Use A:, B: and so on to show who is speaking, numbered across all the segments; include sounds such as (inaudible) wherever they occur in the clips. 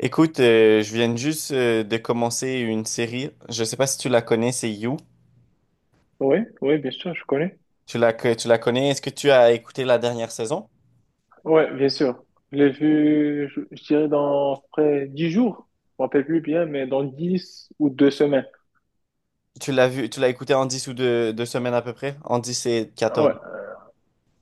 A: Écoute, je viens juste de commencer une série. Je sais pas si tu la connais, c'est You.
B: Oui, oui, bien sûr, je connais.
A: Tu la connais? Est-ce que tu as écouté la dernière saison?
B: Ouais, bien sûr. Je l'ai vu, je dirais, dans à peu près 10 jours. Je me rappelle plus bien, mais dans 10 ou 2 semaines.
A: Tu l'as vu, tu l'as écouté en 10 ou deux semaines à peu près? En dix, et
B: Ah
A: quatorze.
B: ouais,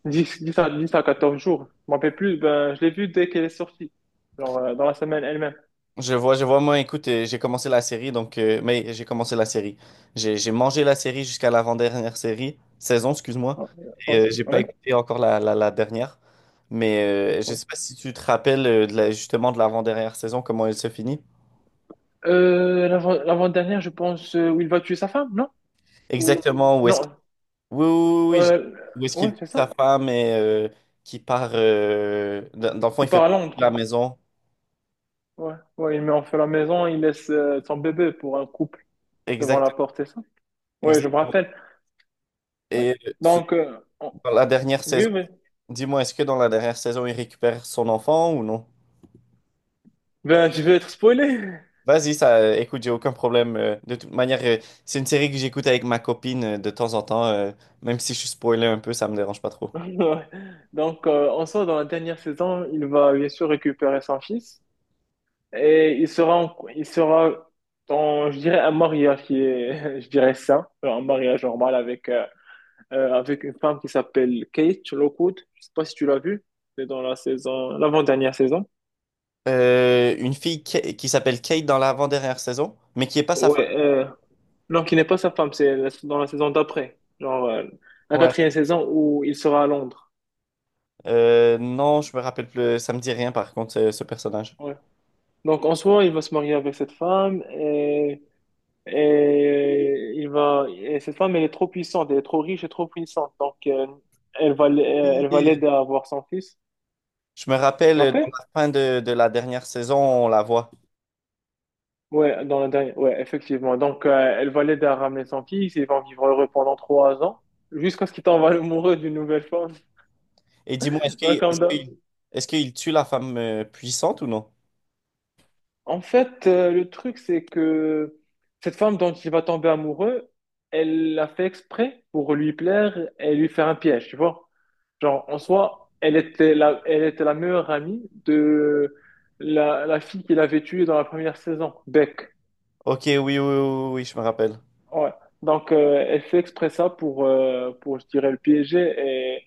B: 10 à 14 jours. Je me rappelle plus, ben, je l'ai vu dès qu'elle est sortie. Genre, dans la semaine elle-même.
A: Je vois, moi, écoute, j'ai commencé la série, donc, j'ai commencé la série. J'ai mangé la série jusqu'à saison, excuse-moi.
B: Ouais,
A: Et
B: ouais,
A: j'ai pas
B: ouais.
A: écouté encore la dernière. Mais je
B: Ouais.
A: sais pas si tu te rappelles de justement de l'avant-dernière saison, comment elle se finit.
B: L'avant-dernière, je pense, où il va tuer sa femme, non? Ou,
A: Exactement, où est-ce.
B: non,
A: Oui, oui, j'ai-.
B: euh,
A: Où est-ce qu'il
B: ouais,
A: tue
B: c'est ça.
A: sa femme et qui part. Dans le fond, il
B: Il
A: fait
B: part à
A: partie de la
B: Londres.
A: maison.
B: Ouais, ouais, il met en feu la maison, il laisse, son bébé pour un couple devant
A: Exact,
B: la porte, c'est ça? Ouais, je me
A: exactement.
B: rappelle. Ouais.
A: Et
B: Donc, euh, on-
A: dans la dernière
B: oui,
A: saison,
B: oui.
A: dis-moi, est-ce que dans la dernière saison, il récupère son enfant ou non?
B: Ben, je vais être spoilé. (laughs)
A: Vas-y, ça, écoute, j'ai aucun problème. De toute manière, c'est une série que j'écoute avec ma copine de temps en temps. Même si je suis spoilé un peu, ça me dérange pas trop.
B: Ouais. Donc, en soi, dans la dernière saison, il va bien sûr récupérer son fils il sera dans, je dirais, un mariage qui est, (laughs) je dirais, sain, un mariage normal avec, avec une femme qui s'appelle Kate Lockwood. Je sais pas si tu l'as vue. C'est dans la saison, l'avant-dernière saison.
A: Une fille qui s'appelle Kate dans l'avant-dernière saison, mais qui est pas sa femme.
B: Ouais, non, qui n'est pas sa femme, dans la saison d'après, genre la
A: Ouais.
B: quatrième saison où il sera à Londres.
A: Non, je me rappelle plus. Ça me dit rien par contre, ce personnage.
B: Ouais. Donc en soi, il va se marier avec cette femme et il va et cette femme elle est trop puissante, elle est trop riche et trop puissante. Donc elle va
A: Et
B: l'aider à avoir son fils.
A: je me
B: Tu
A: rappelle
B: te
A: dans
B: rappelles?
A: la fin de la dernière saison, on la voit.
B: Ouais, dans la dernière. Ouais, effectivement. Donc elle va l'aider à ramener son fils, ils vont vivre heureux pendant 3 ans jusqu'à ce qu'il tombe amoureux d'une nouvelle femme.
A: Et dis-moi,
B: (laughs) Ouais, comme d'hab.
A: est-ce qu'il tue la femme puissante ou non?
B: En fait, le truc, c'est que cette femme dont il va tomber amoureux, elle l'a fait exprès pour lui plaire et lui faire un piège, tu vois. Genre, en soi, elle était la meilleure amie de la fille qu'il avait tuée dans la première saison, Beck.
A: Ok, oui, je me rappelle.
B: Ouais. Donc, elle fait exprès ça pour, je dirais, le piéger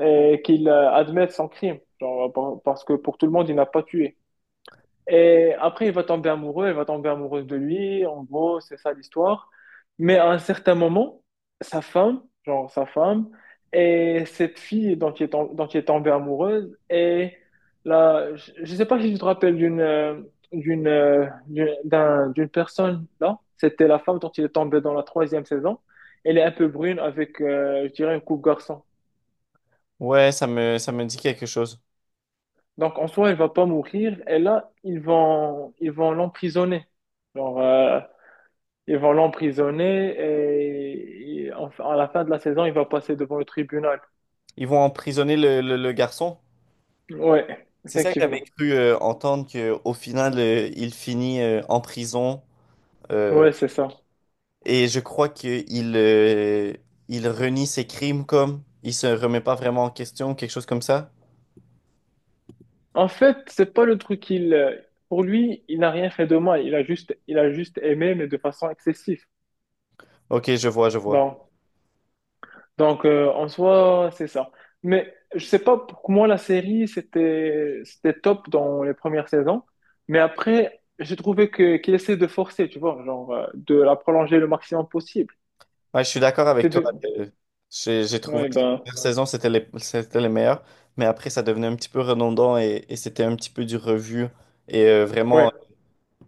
B: et, et qu'il admette son crime. Genre, parce que pour tout le monde, il n'a pas tué. Et après, il va tomber amoureux, elle va tomber amoureuse de lui. En gros, c'est ça l'histoire. Mais à un certain moment, sa femme, genre sa femme, et cette fille dont il est tombé amoureuse, et là, je sais pas si tu te rappelles d'une personne, là. C'était la femme dont il est tombé dans la troisième saison. Elle est un peu brune avec, je dirais, une coupe garçon.
A: Ouais, ça me dit quelque chose.
B: Donc, en soi, elle va pas mourir. Et là, ils vont l'emprisonner. Genre, ils vont l'emprisonner à la fin de la saison, il va passer devant le tribunal.
A: Ils vont emprisonner le garçon.
B: Ouais,
A: C'est ça que j'avais
B: effectivement.
A: cru entendre, qu'au final, il finit en prison. euh,
B: Ouais, c'est ça.
A: Et je crois qu'il il renie ses crimes comme il se remet pas vraiment en question, quelque chose comme ça.
B: En fait, c'est pas le truc qu'il. Pour lui, il n'a rien fait de mal. Il a juste aimé, mais de façon excessive.
A: Ok, je vois, je vois.
B: Bon, donc en soi, c'est ça. Mais je sais pas, pour moi, la série, c'était top dans les premières saisons. Mais après, j'ai trouvé que qu'il essaie de forcer, tu vois, genre, de la prolonger le maximum possible.
A: Ouais, je suis d'accord avec
B: C'est
A: toi.
B: de.
A: J'ai trouvé
B: Ouais,
A: que la
B: ben.
A: première saison, c'était les meilleurs, mais après, ça devenait un petit peu redondant et c'était un petit peu du revu et vraiment
B: Ouais.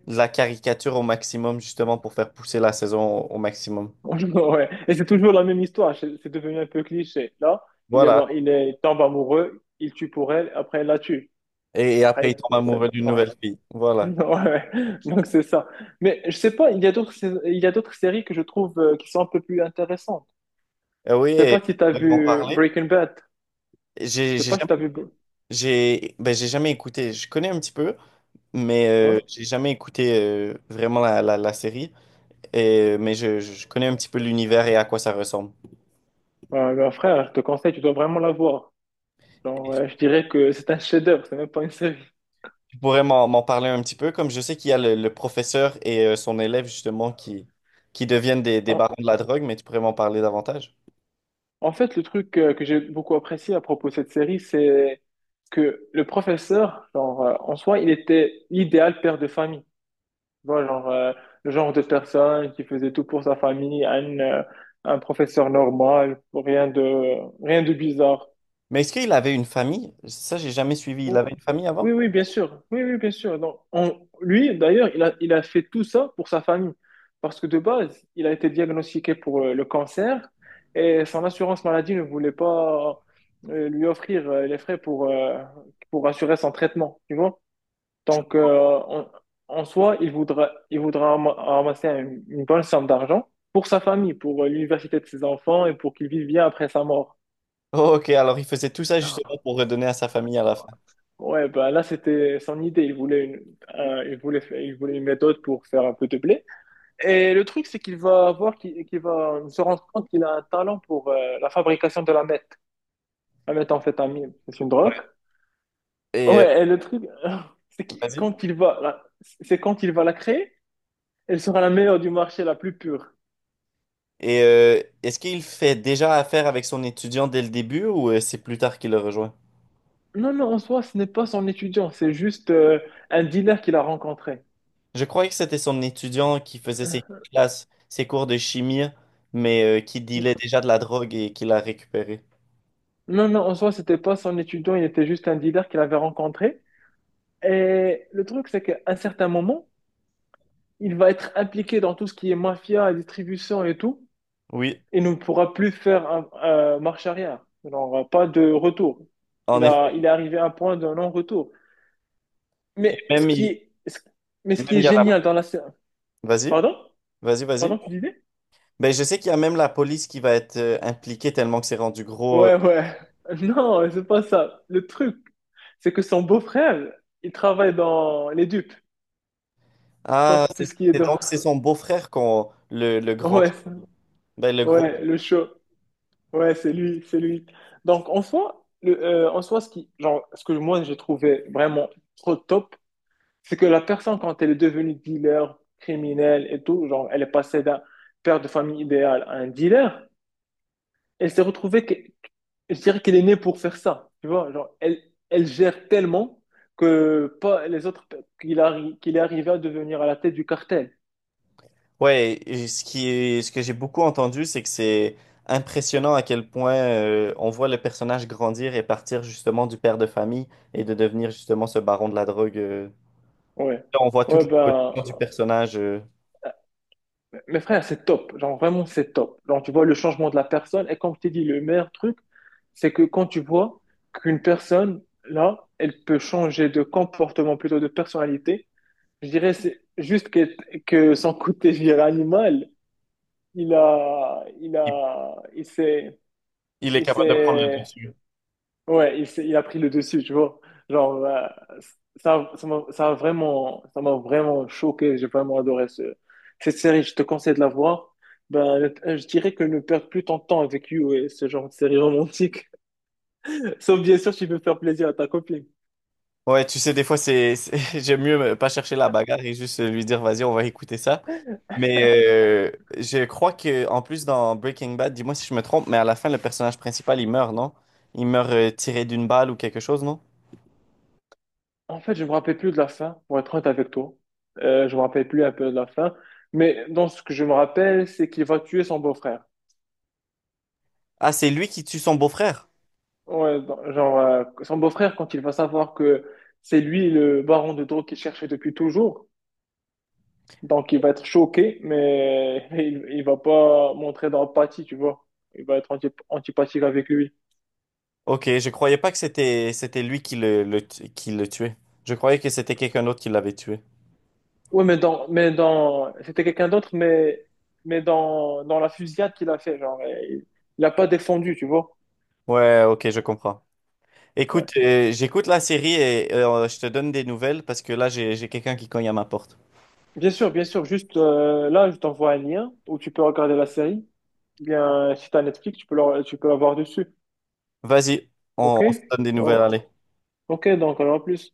A: de la caricature au maximum, justement, pour faire pousser la saison au maximum.
B: (laughs) Ouais. Et c'est toujours la même histoire, c'est devenu un peu cliché. Là, il est,
A: Voilà.
B: mar- il est, il tombe amoureux, il tue pour elle, après elle la tue.
A: Et après, il
B: Après,
A: tombe
B: il- ça-
A: amoureux d'une
B: ouais.
A: nouvelle fille.
B: (laughs)
A: Voilà.
B: Ouais, ouais. Donc c'est ça. Mais je sais pas, il y a d'autres séries que je trouve qui sont un peu plus intéressantes.
A: Oui,
B: Je sais pas
A: et
B: si t'as
A: on peut en
B: vu
A: parler.
B: Breaking Bad. Je
A: J'ai
B: sais
A: j'ai
B: pas si
A: jamais,
B: t'as vu. Br-
A: j'ai jamais écouté. Je connais un petit peu, mais
B: Ouais.
A: j'ai jamais écouté vraiment la série. Et, je connais un petit peu l'univers et à quoi ça ressemble.
B: Ouais, bah, frère, je te conseille, tu dois vraiment la voir. Genre,
A: Est-ce que
B: je dirais que c'est un chef-d'œuvre, c'est même pas une série.
A: Tu pourrais m'en parler un petit peu, comme je sais qu'il y a le professeur et son élève justement qui deviennent des barons de la drogue, mais tu pourrais m'en parler davantage.
B: En fait, le truc que j'ai beaucoup apprécié à propos de cette série, c'est que le professeur, genre, en soi, il était l'idéal père de famille. Tu vois, genre, le genre de personne qui faisait tout pour sa famille, un professeur normal, rien de bizarre.
A: Mais est-ce qu'il avait une famille? Ça, j'ai jamais suivi. Il
B: Oh,
A: avait une famille
B: oui,
A: avant?
B: oui, bien sûr. Oui, oui, bien sûr. Donc, lui, d'ailleurs, il a fait tout ça pour sa famille. Parce que de base, il a été diagnostiqué pour le cancer et son assurance maladie ne voulait pas lui offrir les frais pour assurer son traitement. Tu vois? Donc, en, en soi, il voudra ramasser une bonne somme d'argent pour sa famille, pour l'université de ses enfants et pour qu'il vive bien après sa mort.
A: Oh, ok, alors il faisait tout ça justement
B: (laughs)
A: pour redonner à sa famille à la fin.
B: Ouais, bah là, c'était son idée. Il voulait une méthode pour faire un peu de blé. Et le truc, c'est qu'il va voir, qu'il va se rendre compte qu'il a un talent pour la fabrication de la meth. La méthamphétamine, c'est une drogue.
A: Et
B: Ouais, et le truc, (laughs) c'est que
A: vas-y.
B: quand il va, la- c'est quand il va la créer, elle sera la meilleure du marché, la plus pure.
A: Et est-ce qu'il fait déjà affaire avec son étudiant dès le début ou c'est plus tard qu'il le rejoint?
B: Non, non, en soi, ce n'est pas son étudiant, c'est juste un dealer qu'il a rencontré.
A: Je croyais que c'était son étudiant qui faisait ses classes, ses cours de chimie, mais qui dealait déjà de la drogue et qui l'a récupéré.
B: Non, non, en soi, c'était pas son étudiant, il était juste un dealer qu'il avait rencontré. Et le truc, c'est qu'à un certain moment, il va être impliqué dans tout ce qui est mafia, distribution et tout,
A: Oui,
B: et ne pourra plus faire un, marche arrière. Il n'aura pas de retour.
A: en effet.
B: Il est arrivé à un point de non-retour.
A: Et
B: Mais ce
A: même
B: qui est, ce- mais ce
A: même
B: qui
A: il
B: est
A: y a la…
B: génial dans la série.
A: Vas-y,
B: Pardon?
A: vas-y, vas-y.
B: Pardon, tu disais?
A: Ben, je sais qu'il y a même la police qui va être impliquée tellement que c'est rendu gros.
B: Ouais, ouais. (laughs) Non, c'est pas ça. Le truc, c'est que son beau-frère, il travaille dans les dupes
A: Ah,
B: contre tout ce qui est
A: c'est
B: d'or.
A: donc c'est
B: (laughs)
A: son beau-frère qu'on le grand,
B: Ouais, ça-
A: ben, le gros.
B: ouais, le show. Ouais, c'est lui, c'est lui. Donc, en soi, ce qui, genre, ce que moi, j'ai trouvé vraiment trop top, c'est que la personne, quand elle est devenue dealer, criminelle et tout, genre, elle est passée d'un père de famille idéal à un dealer, elle s'est retrouvée, que, je dirais qu'elle est née pour faire ça, tu vois, genre, elle, elle gère tellement que pas les autres, qu'il est arrivé à devenir à la tête du cartel.
A: Ouais, et ce qui est, ce que j'ai beaucoup entendu, c'est que c'est impressionnant à quel point on voit le personnage grandir et partir justement du père de famille et de devenir justement ce baron de la drogue.
B: Ouais.
A: Là, on voit toute
B: Ouais,
A: l'évolution du
B: ben,
A: personnage.
B: mes frères, c'est top. Genre, vraiment, c'est top. Genre, tu vois le changement de la personne. Et comme je t'ai dit, le meilleur truc, c'est que quand tu vois qu'une personne, là, elle peut changer de comportement, plutôt de personnalité, je dirais, c'est juste que son côté, je dirais, animal, il a, il
A: Il
B: a,
A: il est
B: il
A: capable de prendre le
B: s'est
A: dessus.
B: ouais, il a pris le dessus, tu vois. Genre, ça, ça m'a ça a vraiment, ça m'a vraiment choqué. J'ai vraiment adoré cette série. Je te conseille de la voir. Ben, je dirais que ne perds plus ton temps avec You et ce genre de série romantique. (laughs) Sauf bien sûr, si tu veux faire plaisir à ta copine.
A: Ouais, tu sais, des fois, (laughs) j'aime mieux pas chercher la bagarre et juste lui dire, vas-y, on va écouter ça. Mais je crois que en plus dans Breaking Bad, dis-moi si je me trompe, mais à la fin, le personnage principal, il meurt, non? Il meurt tiré d'une balle ou quelque chose, non?
B: En fait, je me rappelle plus de la fin, pour être honnête avec toi. Je me rappelle plus un peu de la fin. Mais dans ce que je me rappelle, c'est qu'il va tuer son beau-frère.
A: Ah, c'est lui qui tue son beau-frère.
B: Ouais, genre, son beau-frère, quand il va savoir que c'est lui le baron de drogue qu'il cherchait depuis toujours, donc il va être choqué, mais (laughs) il va pas montrer d'empathie, tu vois. Il va être antipathique avec lui.
A: Ok, je croyais pas que c'était lui qui qui le tuait. Je croyais que c'était quelqu'un d'autre qui l'avait tué.
B: Ouais, c'était quelqu'un d'autre, mais, dans la fusillade qu'il a fait, genre, il a pas défendu, tu vois.
A: Ouais, ok, je comprends.
B: Ouais.
A: Écoute, j'écoute la série et je te donne des nouvelles parce que là j'ai quelqu'un qui cogne à ma porte.
B: Bien sûr, juste, là, je t'envoie un lien où tu peux regarder la série. Bien, si t'as Netflix, tu peux l'avoir dessus.
A: Vas-y, on
B: Ok?
A: on se donne des nouvelles,
B: Donc,
A: allez.
B: Ok, donc alors à plus.